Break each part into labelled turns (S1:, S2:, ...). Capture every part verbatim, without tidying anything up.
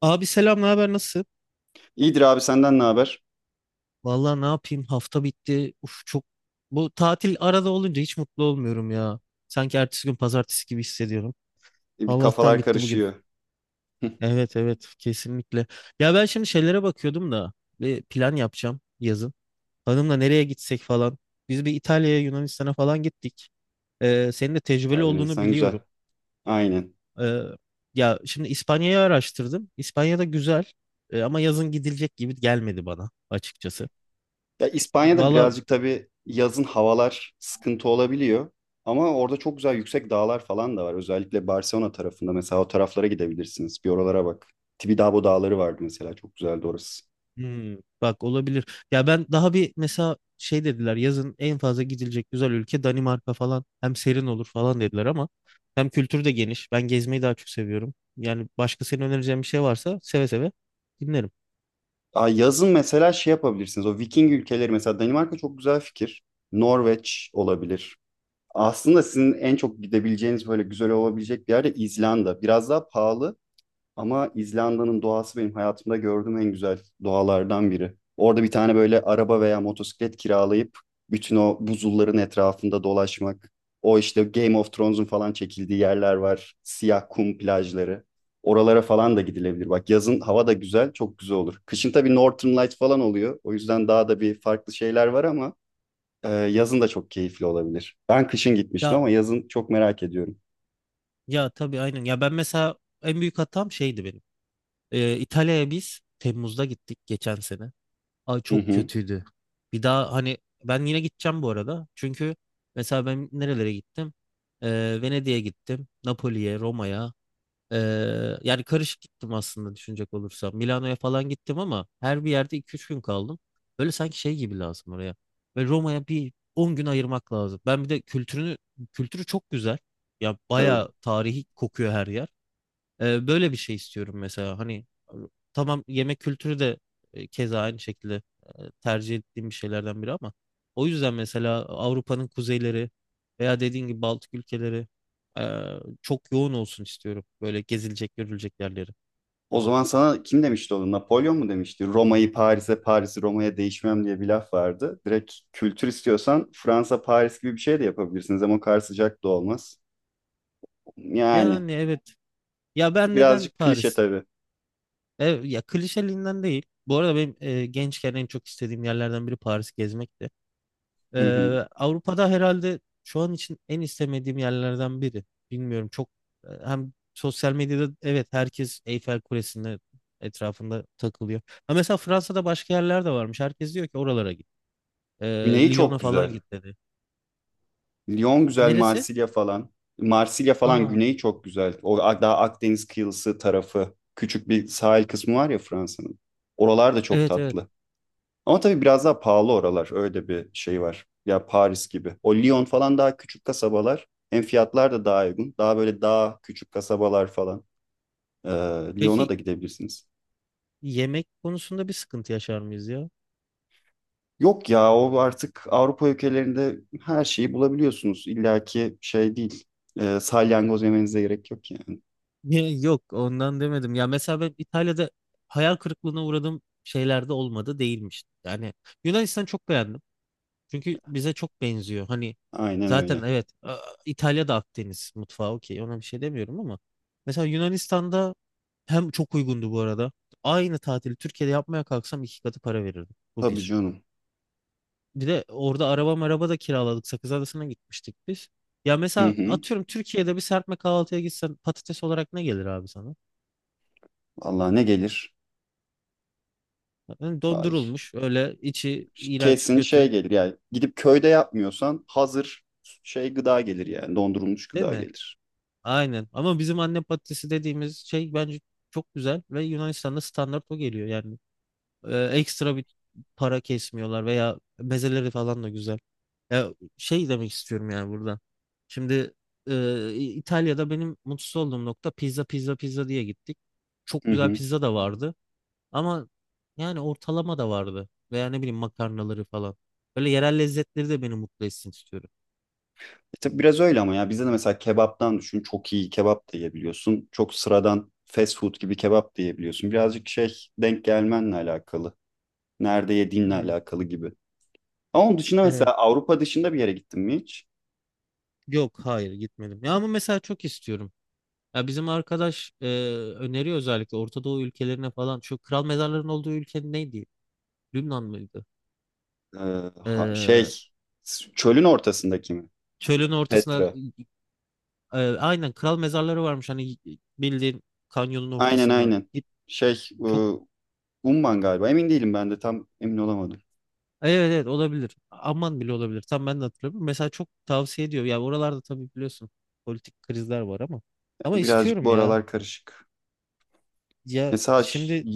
S1: Abi selam, ne haber, nasılsın?
S2: İyidir abi senden ne haber?
S1: Vallahi ne yapayım, hafta bitti. Uf çok, bu tatil arada olunca hiç mutlu olmuyorum ya. Sanki ertesi gün pazartesi gibi hissediyorum.
S2: E, bir
S1: Allah'tan
S2: kafalar
S1: bitti bugün.
S2: karışıyor. Hı.
S1: Evet evet, kesinlikle. Ya ben şimdi şeylere bakıyordum da bir plan yapacağım yazın. Hanımla nereye gitsek falan. Biz bir İtalya'ya, Yunanistan'a falan gittik. Ee, senin de tecrübeli
S2: İtalya
S1: olduğunu
S2: Yunanistan
S1: biliyorum.
S2: güzel. Aynen.
S1: Ee, Ya şimdi İspanya'yı araştırdım. İspanya'da güzel. Ee, ama yazın gidilecek gibi gelmedi bana açıkçası.
S2: Ya İspanya'da
S1: Valla.
S2: birazcık tabii yazın havalar sıkıntı olabiliyor. Ama orada çok güzel yüksek dağlar falan da var. Özellikle Barcelona tarafında mesela o taraflara gidebilirsiniz. Bir oralara bak. Tibidabo dağları vardı mesela. Çok güzeldi orası.
S1: Hmm, bak olabilir. Ya ben daha bir mesela şey dediler, yazın en fazla gidilecek güzel ülke Danimarka falan. Hem serin olur falan dediler ama hem kültür de geniş. Ben gezmeyi daha çok seviyorum. Yani başka senin önereceğin bir şey varsa seve seve dinlerim.
S2: Aa, yazın mesela şey yapabilirsiniz. O Viking ülkeleri mesela Danimarka çok güzel fikir. Norveç olabilir. Aslında sizin en çok gidebileceğiniz böyle güzel olabilecek bir yer de İzlanda. Biraz daha pahalı. Ama İzlanda'nın doğası benim hayatımda gördüğüm en güzel doğalardan biri. Orada bir tane böyle araba veya motosiklet kiralayıp bütün o buzulların etrafında dolaşmak. O işte Game of Thrones'un falan çekildiği yerler var. Siyah kum plajları. Oralara falan da gidilebilir. Bak yazın hava da güzel, çok güzel olur. Kışın tabii Northern Light falan oluyor. O yüzden daha da bir farklı şeyler var ama e, yazın da çok keyifli olabilir. Ben kışın gitmiştim
S1: Ya
S2: ama yazın çok merak ediyorum.
S1: ya tabii, aynen. Ya ben mesela en büyük hatam şeydi benim. Ee, İtalya'ya biz Temmuz'da gittik geçen sene. Ay
S2: Hı
S1: çok
S2: hı,
S1: kötüydü. Bir daha hani, ben yine gideceğim bu arada. Çünkü mesela ben nerelere gittim? Ee, Venedik'e gittim. Napoli'ye, Roma'ya. Ee, yani karışık gittim aslında düşünecek olursam. Milano'ya falan gittim ama her bir yerde iki üç gün kaldım. Böyle sanki şey gibi lazım oraya. Ve Roma'ya bir on gün ayırmak lazım. Ben bir de kültürünü kültürü çok güzel. Ya
S2: tabii.
S1: bayağı tarihi kokuyor her yer. Ee, böyle bir şey istiyorum mesela. Hani tamam yemek kültürü de e, keza aynı şekilde e, tercih ettiğim bir şeylerden biri ama o yüzden mesela Avrupa'nın kuzeyleri veya dediğin gibi Baltık ülkeleri, e, çok yoğun olsun istiyorum. Böyle gezilecek, görülecek yerleri.
S2: O zaman sana kim demişti onu? Napolyon mu demişti? Roma'yı Paris'e, Paris'i Roma'ya değişmem diye bir laf vardı. Direkt kültür istiyorsan Fransa, Paris gibi bir şey de yapabilirsiniz ama o kadar sıcak da olmaz. Yani
S1: Yani evet. Ya ben neden
S2: birazcık klişe
S1: Paris?
S2: tabii.
S1: E, ya klişeliğinden değil. Bu arada benim e, gençken en çok istediğim yerlerden biri Paris gezmekti. Ee,
S2: Hı hı.
S1: Avrupa'da herhalde şu an için en istemediğim yerlerden biri. Bilmiyorum çok, e, hem sosyal medyada evet, herkes Eyfel Kulesi'nin etrafında takılıyor. Ha mesela Fransa'da başka yerler de varmış. Herkes diyor ki oralara git. Ee,
S2: Güneyi
S1: Lyon'a
S2: çok
S1: falan
S2: güzel.
S1: git dedi.
S2: Lyon güzel,
S1: Neresi?
S2: Marsilya falan. Marsilya falan
S1: Aa,
S2: güneyi çok güzel. O a- daha Akdeniz kıyısı tarafı. Küçük bir sahil kısmı var ya Fransa'nın. Oralar da çok
S1: evet evet.
S2: tatlı. Ama tabii biraz daha pahalı oralar. Öyle bir şey var. Ya Paris gibi. O Lyon falan daha küçük kasabalar. Hem fiyatlar da daha uygun. Daha böyle daha küçük kasabalar falan. Ee, Lyon'a
S1: Peki
S2: da gidebilirsiniz.
S1: yemek konusunda bir sıkıntı yaşar mıyız ya?
S2: Yok ya o artık Avrupa ülkelerinde her şeyi bulabiliyorsunuz. İlla ki şey değil. E, salyangoz yemenize gerek yok yani.
S1: Ya, yok ondan demedim. Ya mesela ben İtalya'da hayal kırıklığına uğradığım şeyler de olmadı değilmiş. Yani Yunanistan çok beğendim. Çünkü bize çok benziyor. Hani
S2: Aynen
S1: zaten
S2: öyle.
S1: evet a- İtalya'da Akdeniz mutfağı okey, ona bir şey demiyorum ama mesela Yunanistan'da hem çok uygundu bu arada. Aynı tatili Türkiye'de yapmaya kalksam iki katı para verirdim. Bu
S2: Tabii
S1: bir.
S2: canım.
S1: Bir de orada araba maraba da kiraladık. Sakız Adası'na gitmiştik biz. Ya
S2: Hı
S1: mesela
S2: hı.
S1: atıyorum Türkiye'de bir serpme kahvaltıya gitsen patates olarak ne gelir abi sana?
S2: Valla ne gelir?
S1: Yani
S2: Vay.
S1: dondurulmuş, öyle içi iğrenç
S2: Kesin şey
S1: kötü,
S2: gelir yani. Gidip köyde yapmıyorsan hazır şey gıda gelir yani. Dondurulmuş
S1: değil
S2: gıda
S1: mi?
S2: gelir.
S1: Aynen. Ama bizim anne patatesi dediğimiz şey bence çok güzel ve Yunanistan'da standart o geliyor yani. Ee, ekstra bir para kesmiyorlar veya mezeleri falan da güzel. Ya şey demek istiyorum yani burada. Şimdi e, İtalya'da benim mutsuz olduğum nokta, pizza pizza pizza diye gittik. Çok
S2: Hı
S1: güzel
S2: hı.
S1: pizza da vardı ama yani ortalama da vardı veya ne bileyim makarnaları falan. Böyle yerel lezzetleri de beni mutlu etsin istiyorum.
S2: E tabii biraz öyle ama ya bizde de mesela kebaptan düşün çok iyi kebap da yiyebiliyorsun. Çok sıradan fast food gibi kebap da yiyebiliyorsun. Birazcık şey denk gelmenle alakalı. Nerede yediğinle
S1: Hmm.
S2: alakalı gibi. Ama onun dışında
S1: Evet.
S2: mesela Avrupa dışında bir yere gittin mi hiç?
S1: Yok hayır, gitmedim. Ya ama mesela çok istiyorum. Ya bizim arkadaş e, öneriyor, özellikle Orta Doğu ülkelerine falan. Şu kral mezarların olduğu ülke neydi? Lübnan mıydı?
S2: Ee, ha- şey
S1: E,
S2: s- çölün ortasındaki mi?
S1: çölün ortasına,
S2: Petra.
S1: e, aynen kral mezarları varmış hani, bildiğin kanyonun
S2: Aynen
S1: ortasında.
S2: aynen.
S1: Git
S2: Şey e,
S1: çok,
S2: Umman galiba emin değilim ben de tam emin olamadım.
S1: evet evet, olabilir. Aman bile olabilir. Tam ben de hatırlamıyorum. Mesela çok tavsiye ediyor. Ya oralarda tabii biliyorsun politik krizler var ama ama
S2: Ya Birazcık
S1: istiyorum
S2: bu
S1: ya.
S2: aralar karışık.
S1: Ya
S2: Mesela ş-
S1: şimdi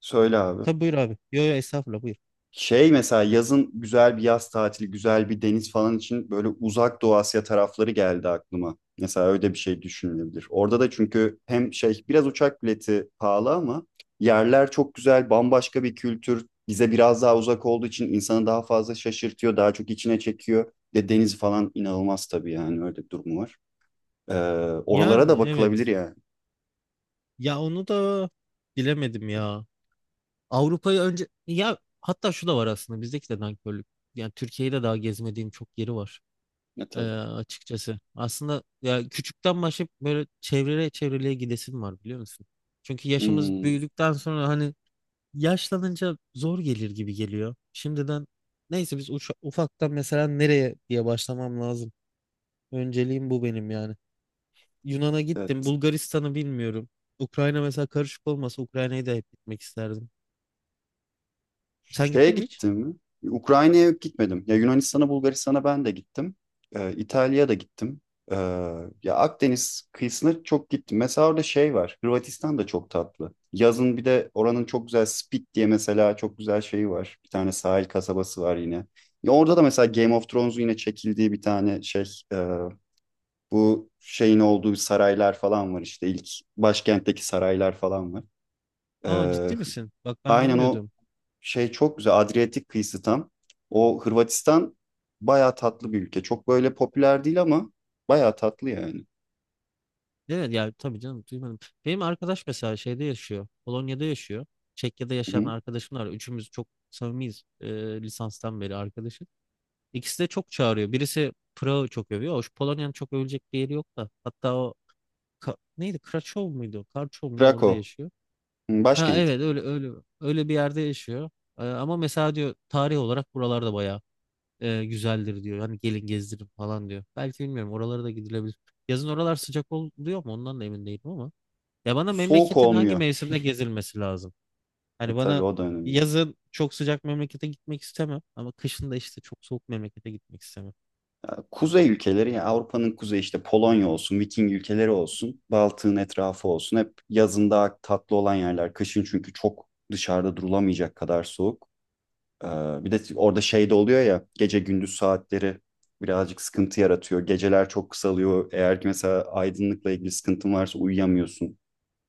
S2: söyle abi.
S1: tabii buyur abi. Yo yo estağfurullah buyur.
S2: Şey mesela yazın güzel bir yaz tatili, güzel bir deniz falan için böyle uzak Doğu Asya tarafları geldi aklıma. Mesela öyle bir şey düşünülebilir. Orada da çünkü hem şey biraz uçak bileti pahalı ama yerler çok güzel, bambaşka bir kültür. Bize biraz daha uzak olduğu için insanı daha fazla şaşırtıyor, daha çok içine çekiyor. Ve deniz falan inanılmaz tabii yani öyle bir durumu var. Ee, oralara da
S1: Yani
S2: bakılabilir
S1: evet.
S2: yani.
S1: Ya onu da bilemedim ya. Avrupa'yı önce ya, hatta şu da var aslında, bizdeki de nankörlük. Yani Türkiye'de daha gezmediğim çok yeri var
S2: Ya
S1: e,
S2: tabii.
S1: açıkçası. Aslında ya küçükten başlayıp böyle çevreye çevreliğe gidesim var, biliyor musun? Çünkü yaşımız
S2: Hmm,
S1: büyüdükten sonra hani yaşlanınca zor gelir gibi geliyor. Şimdiden neyse, biz uça- ufaktan mesela nereye diye başlamam lazım. Önceliğim bu benim yani. Yunan'a gittim,
S2: evet.
S1: Bulgaristan'ı bilmiyorum. Ukrayna mesela karışık olmasa Ukrayna'yı da hep gitmek isterdim. Sen
S2: Şeye
S1: gittin mi hiç?
S2: gittim. Ukrayna'ya gitmedim. Ya Yunanistan'a, Bulgaristan'a ben de gittim. Ee, İtalya'ya da gittim. Ee, ya Akdeniz kıyısına çok gittim. Mesela orada şey var. Hırvatistan da çok tatlı. Yazın bir de oranın çok güzel Split diye mesela çok güzel şeyi var. Bir tane sahil kasabası var yine. Ya orada da mesela Game of Thrones'un yine çekildiği bir tane şey e, bu şeyin olduğu saraylar falan var işte İlk başkentteki saraylar falan var.
S1: Aa
S2: Ee,
S1: ciddi misin? Bak ben
S2: Aynen o
S1: bilmiyordum.
S2: şey çok güzel Adriyatik kıyısı tam. O Hırvatistan bayağı tatlı bir ülke. Çok böyle popüler değil ama bayağı tatlı yani.
S1: Evet yani tabii canım, duymadım. Benim arkadaş mesela şeyde yaşıyor. Polonya'da yaşıyor. Çekya'da
S2: Hı
S1: yaşayan
S2: hı.
S1: arkadaşım var. Üçümüz çok samimiyiz. E, lisanstan beri arkadaşım. İkisi de çok çağırıyor. Birisi Prag'ı çok övüyor. Hoş Polonya'nın çok övülecek bir yeri yok da. Hatta o Ka- neydi? Krakow muydu? Karçov mu ne, orada
S2: Krakow,
S1: yaşıyor.
S2: hı,
S1: Ha
S2: başkent.
S1: evet, öyle öyle, öyle bir yerde yaşıyor. E, ama mesela diyor tarih olarak buralarda bayağı e, güzeldir diyor. Hani gelin gezdirin falan diyor. Belki bilmiyorum, oralara da gidilebilir. Yazın oralar sıcak oluyor mu ondan da emin değilim ama. Ya bana
S2: Soğuk
S1: memleketin hangi
S2: olmuyor.
S1: mevsimde gezilmesi lazım?
S2: E
S1: Hani
S2: tabii
S1: bana
S2: o da önemli.
S1: yazın çok sıcak memlekete gitmek istemem ama kışın da işte çok soğuk memlekete gitmek istemem.
S2: Ya, kuzey ülkeleri ya Avrupa'nın kuzeyi işte Polonya olsun, Viking ülkeleri olsun, Baltık'ın etrafı olsun. Hep yazın daha tatlı olan yerler. Kışın çünkü çok dışarıda durulamayacak kadar soğuk. Ee, bir de orada şey de oluyor ya gece gündüz saatleri birazcık sıkıntı yaratıyor. Geceler çok kısalıyor. Eğer ki mesela aydınlıkla ilgili sıkıntın varsa uyuyamıyorsun.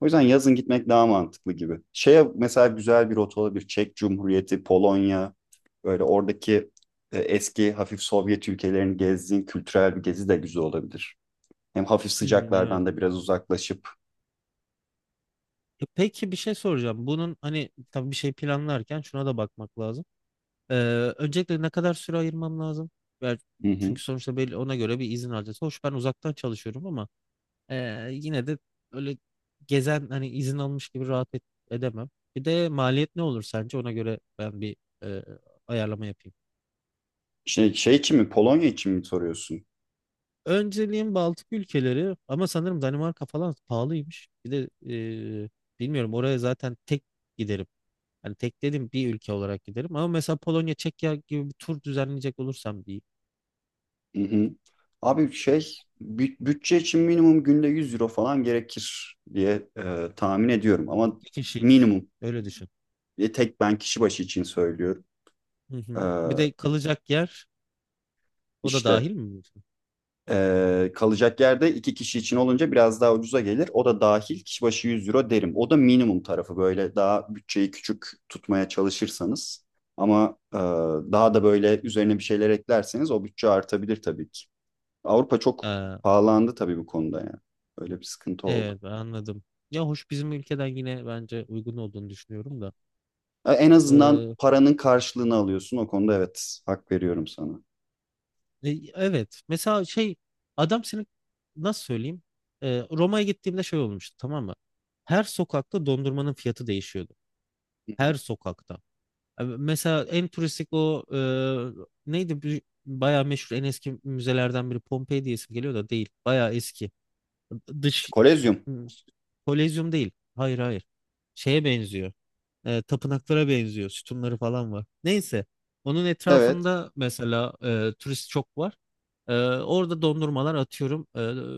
S2: O yüzden yazın gitmek daha mantıklı gibi. Şeye mesela güzel bir rota olabilir. Çek Cumhuriyeti, Polonya, böyle oradaki e, eski hafif Sovyet ülkelerini gezdiğin kültürel bir gezi de güzel olabilir. Hem hafif
S1: Hmm, evet.
S2: sıcaklardan da biraz uzaklaşıp.
S1: E peki bir şey soracağım. Bunun hani tabii bir şey planlarken şuna da bakmak lazım. Ee, Öncelikle ne kadar süre ayırmam lazım? Yani
S2: Hı hı.
S1: çünkü sonuçta belli, ona göre bir izin alacağız. Hoş ben uzaktan çalışıyorum ama Ee, yine de öyle gezen hani izin almış gibi rahat et- edemem. Bir de maliyet ne olur sence? Ona göre ben bir e, ayarlama yapayım.
S2: Şey, şey için mi Polonya için mi soruyorsun?
S1: Önceliğim Baltık ülkeleri ama sanırım Danimarka falan pahalıymış. Bir de e, bilmiyorum, oraya zaten tek giderim. Hani tek dedim bir ülke olarak giderim ama mesela Polonya, Çekya gibi bir tur düzenleyecek olursam diyeyim.
S2: Hı hı. Abi şey bü- bütçe için minimum günde yüz euro falan gerekir diye e, tahmin ediyorum ama
S1: İki kişiyiz.
S2: minimum.
S1: Öyle düşün.
S2: E, tek ben kişi başı için söylüyorum.
S1: Hı
S2: E,
S1: hı. Bir de kalacak yer, o da
S2: işte
S1: dahil mi diyorsun?
S2: e, kalacak yerde iki kişi için olunca biraz daha ucuza gelir. O da dahil kişi başı yüz euro derim. O da minimum tarafı böyle daha bütçeyi küçük tutmaya çalışırsanız ama e, daha da böyle üzerine bir şeyler eklerseniz o bütçe artabilir tabii ki. Avrupa çok
S1: Ee,
S2: pahalandı tabii bu konuda yani. Öyle bir sıkıntı oldu.
S1: Evet ben anladım. Ya hoş bizim ülkeden yine bence uygun olduğunu düşünüyorum da.
S2: E, En azından
S1: Ee,
S2: paranın karşılığını alıyorsun. O konuda evet hak veriyorum sana.
S1: e, evet mesela şey, adam senin, nasıl söyleyeyim? Ee, Roma'ya gittiğimde şey olmuştu, tamam mı? Her sokakta dondurmanın fiyatı değişiyordu.
S2: Hı hı.
S1: Her sokakta. Ee, Mesela en turistik o e, neydi? Bir- Bayağı meşhur en eski müzelerden biri, Pompei diye isim geliyor da değil. Bayağı eski. Dış
S2: Kolezyum.
S1: Kolezyum değil. Hayır hayır. Şeye benziyor. E, tapınaklara benziyor. Sütunları falan var. Neyse. Onun
S2: Evet.
S1: etrafında mesela e, turist çok var. E, orada dondurmalar atıyorum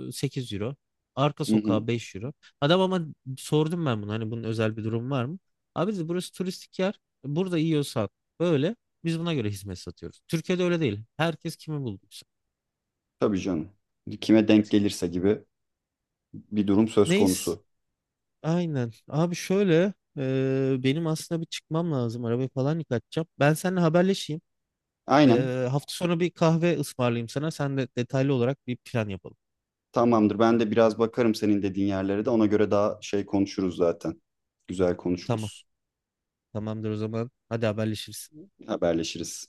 S1: e, sekiz euro. Arka
S2: Hı hı.
S1: sokağa beş euro. Adam ama sordum ben bunu, hani bunun özel bir durum var mı? Abi dedi, burası turistik yer. Burada yiyorsan böyle, biz buna göre hizmet satıyoruz. Türkiye'de öyle değil. Herkes kimi bulduysa.
S2: Tabii canım. Kime denk gelirse gibi bir durum söz
S1: Neyse
S2: konusu.
S1: aynen. Abi şöyle e, benim aslında bir çıkmam lazım. Arabayı falan yıkatacağım. Ben seninle haberleşeyim.
S2: Aynen.
S1: Ee, hafta sonu bir kahve ısmarlayayım sana. Sen de detaylı olarak bir plan yapalım.
S2: Tamamdır. Ben de biraz bakarım senin dediğin yerlere de. Ona göre daha şey konuşuruz zaten. Güzel
S1: Tamam.
S2: konuşuruz.
S1: Tamamdır o zaman. Hadi haberleşiriz.
S2: Haberleşiriz.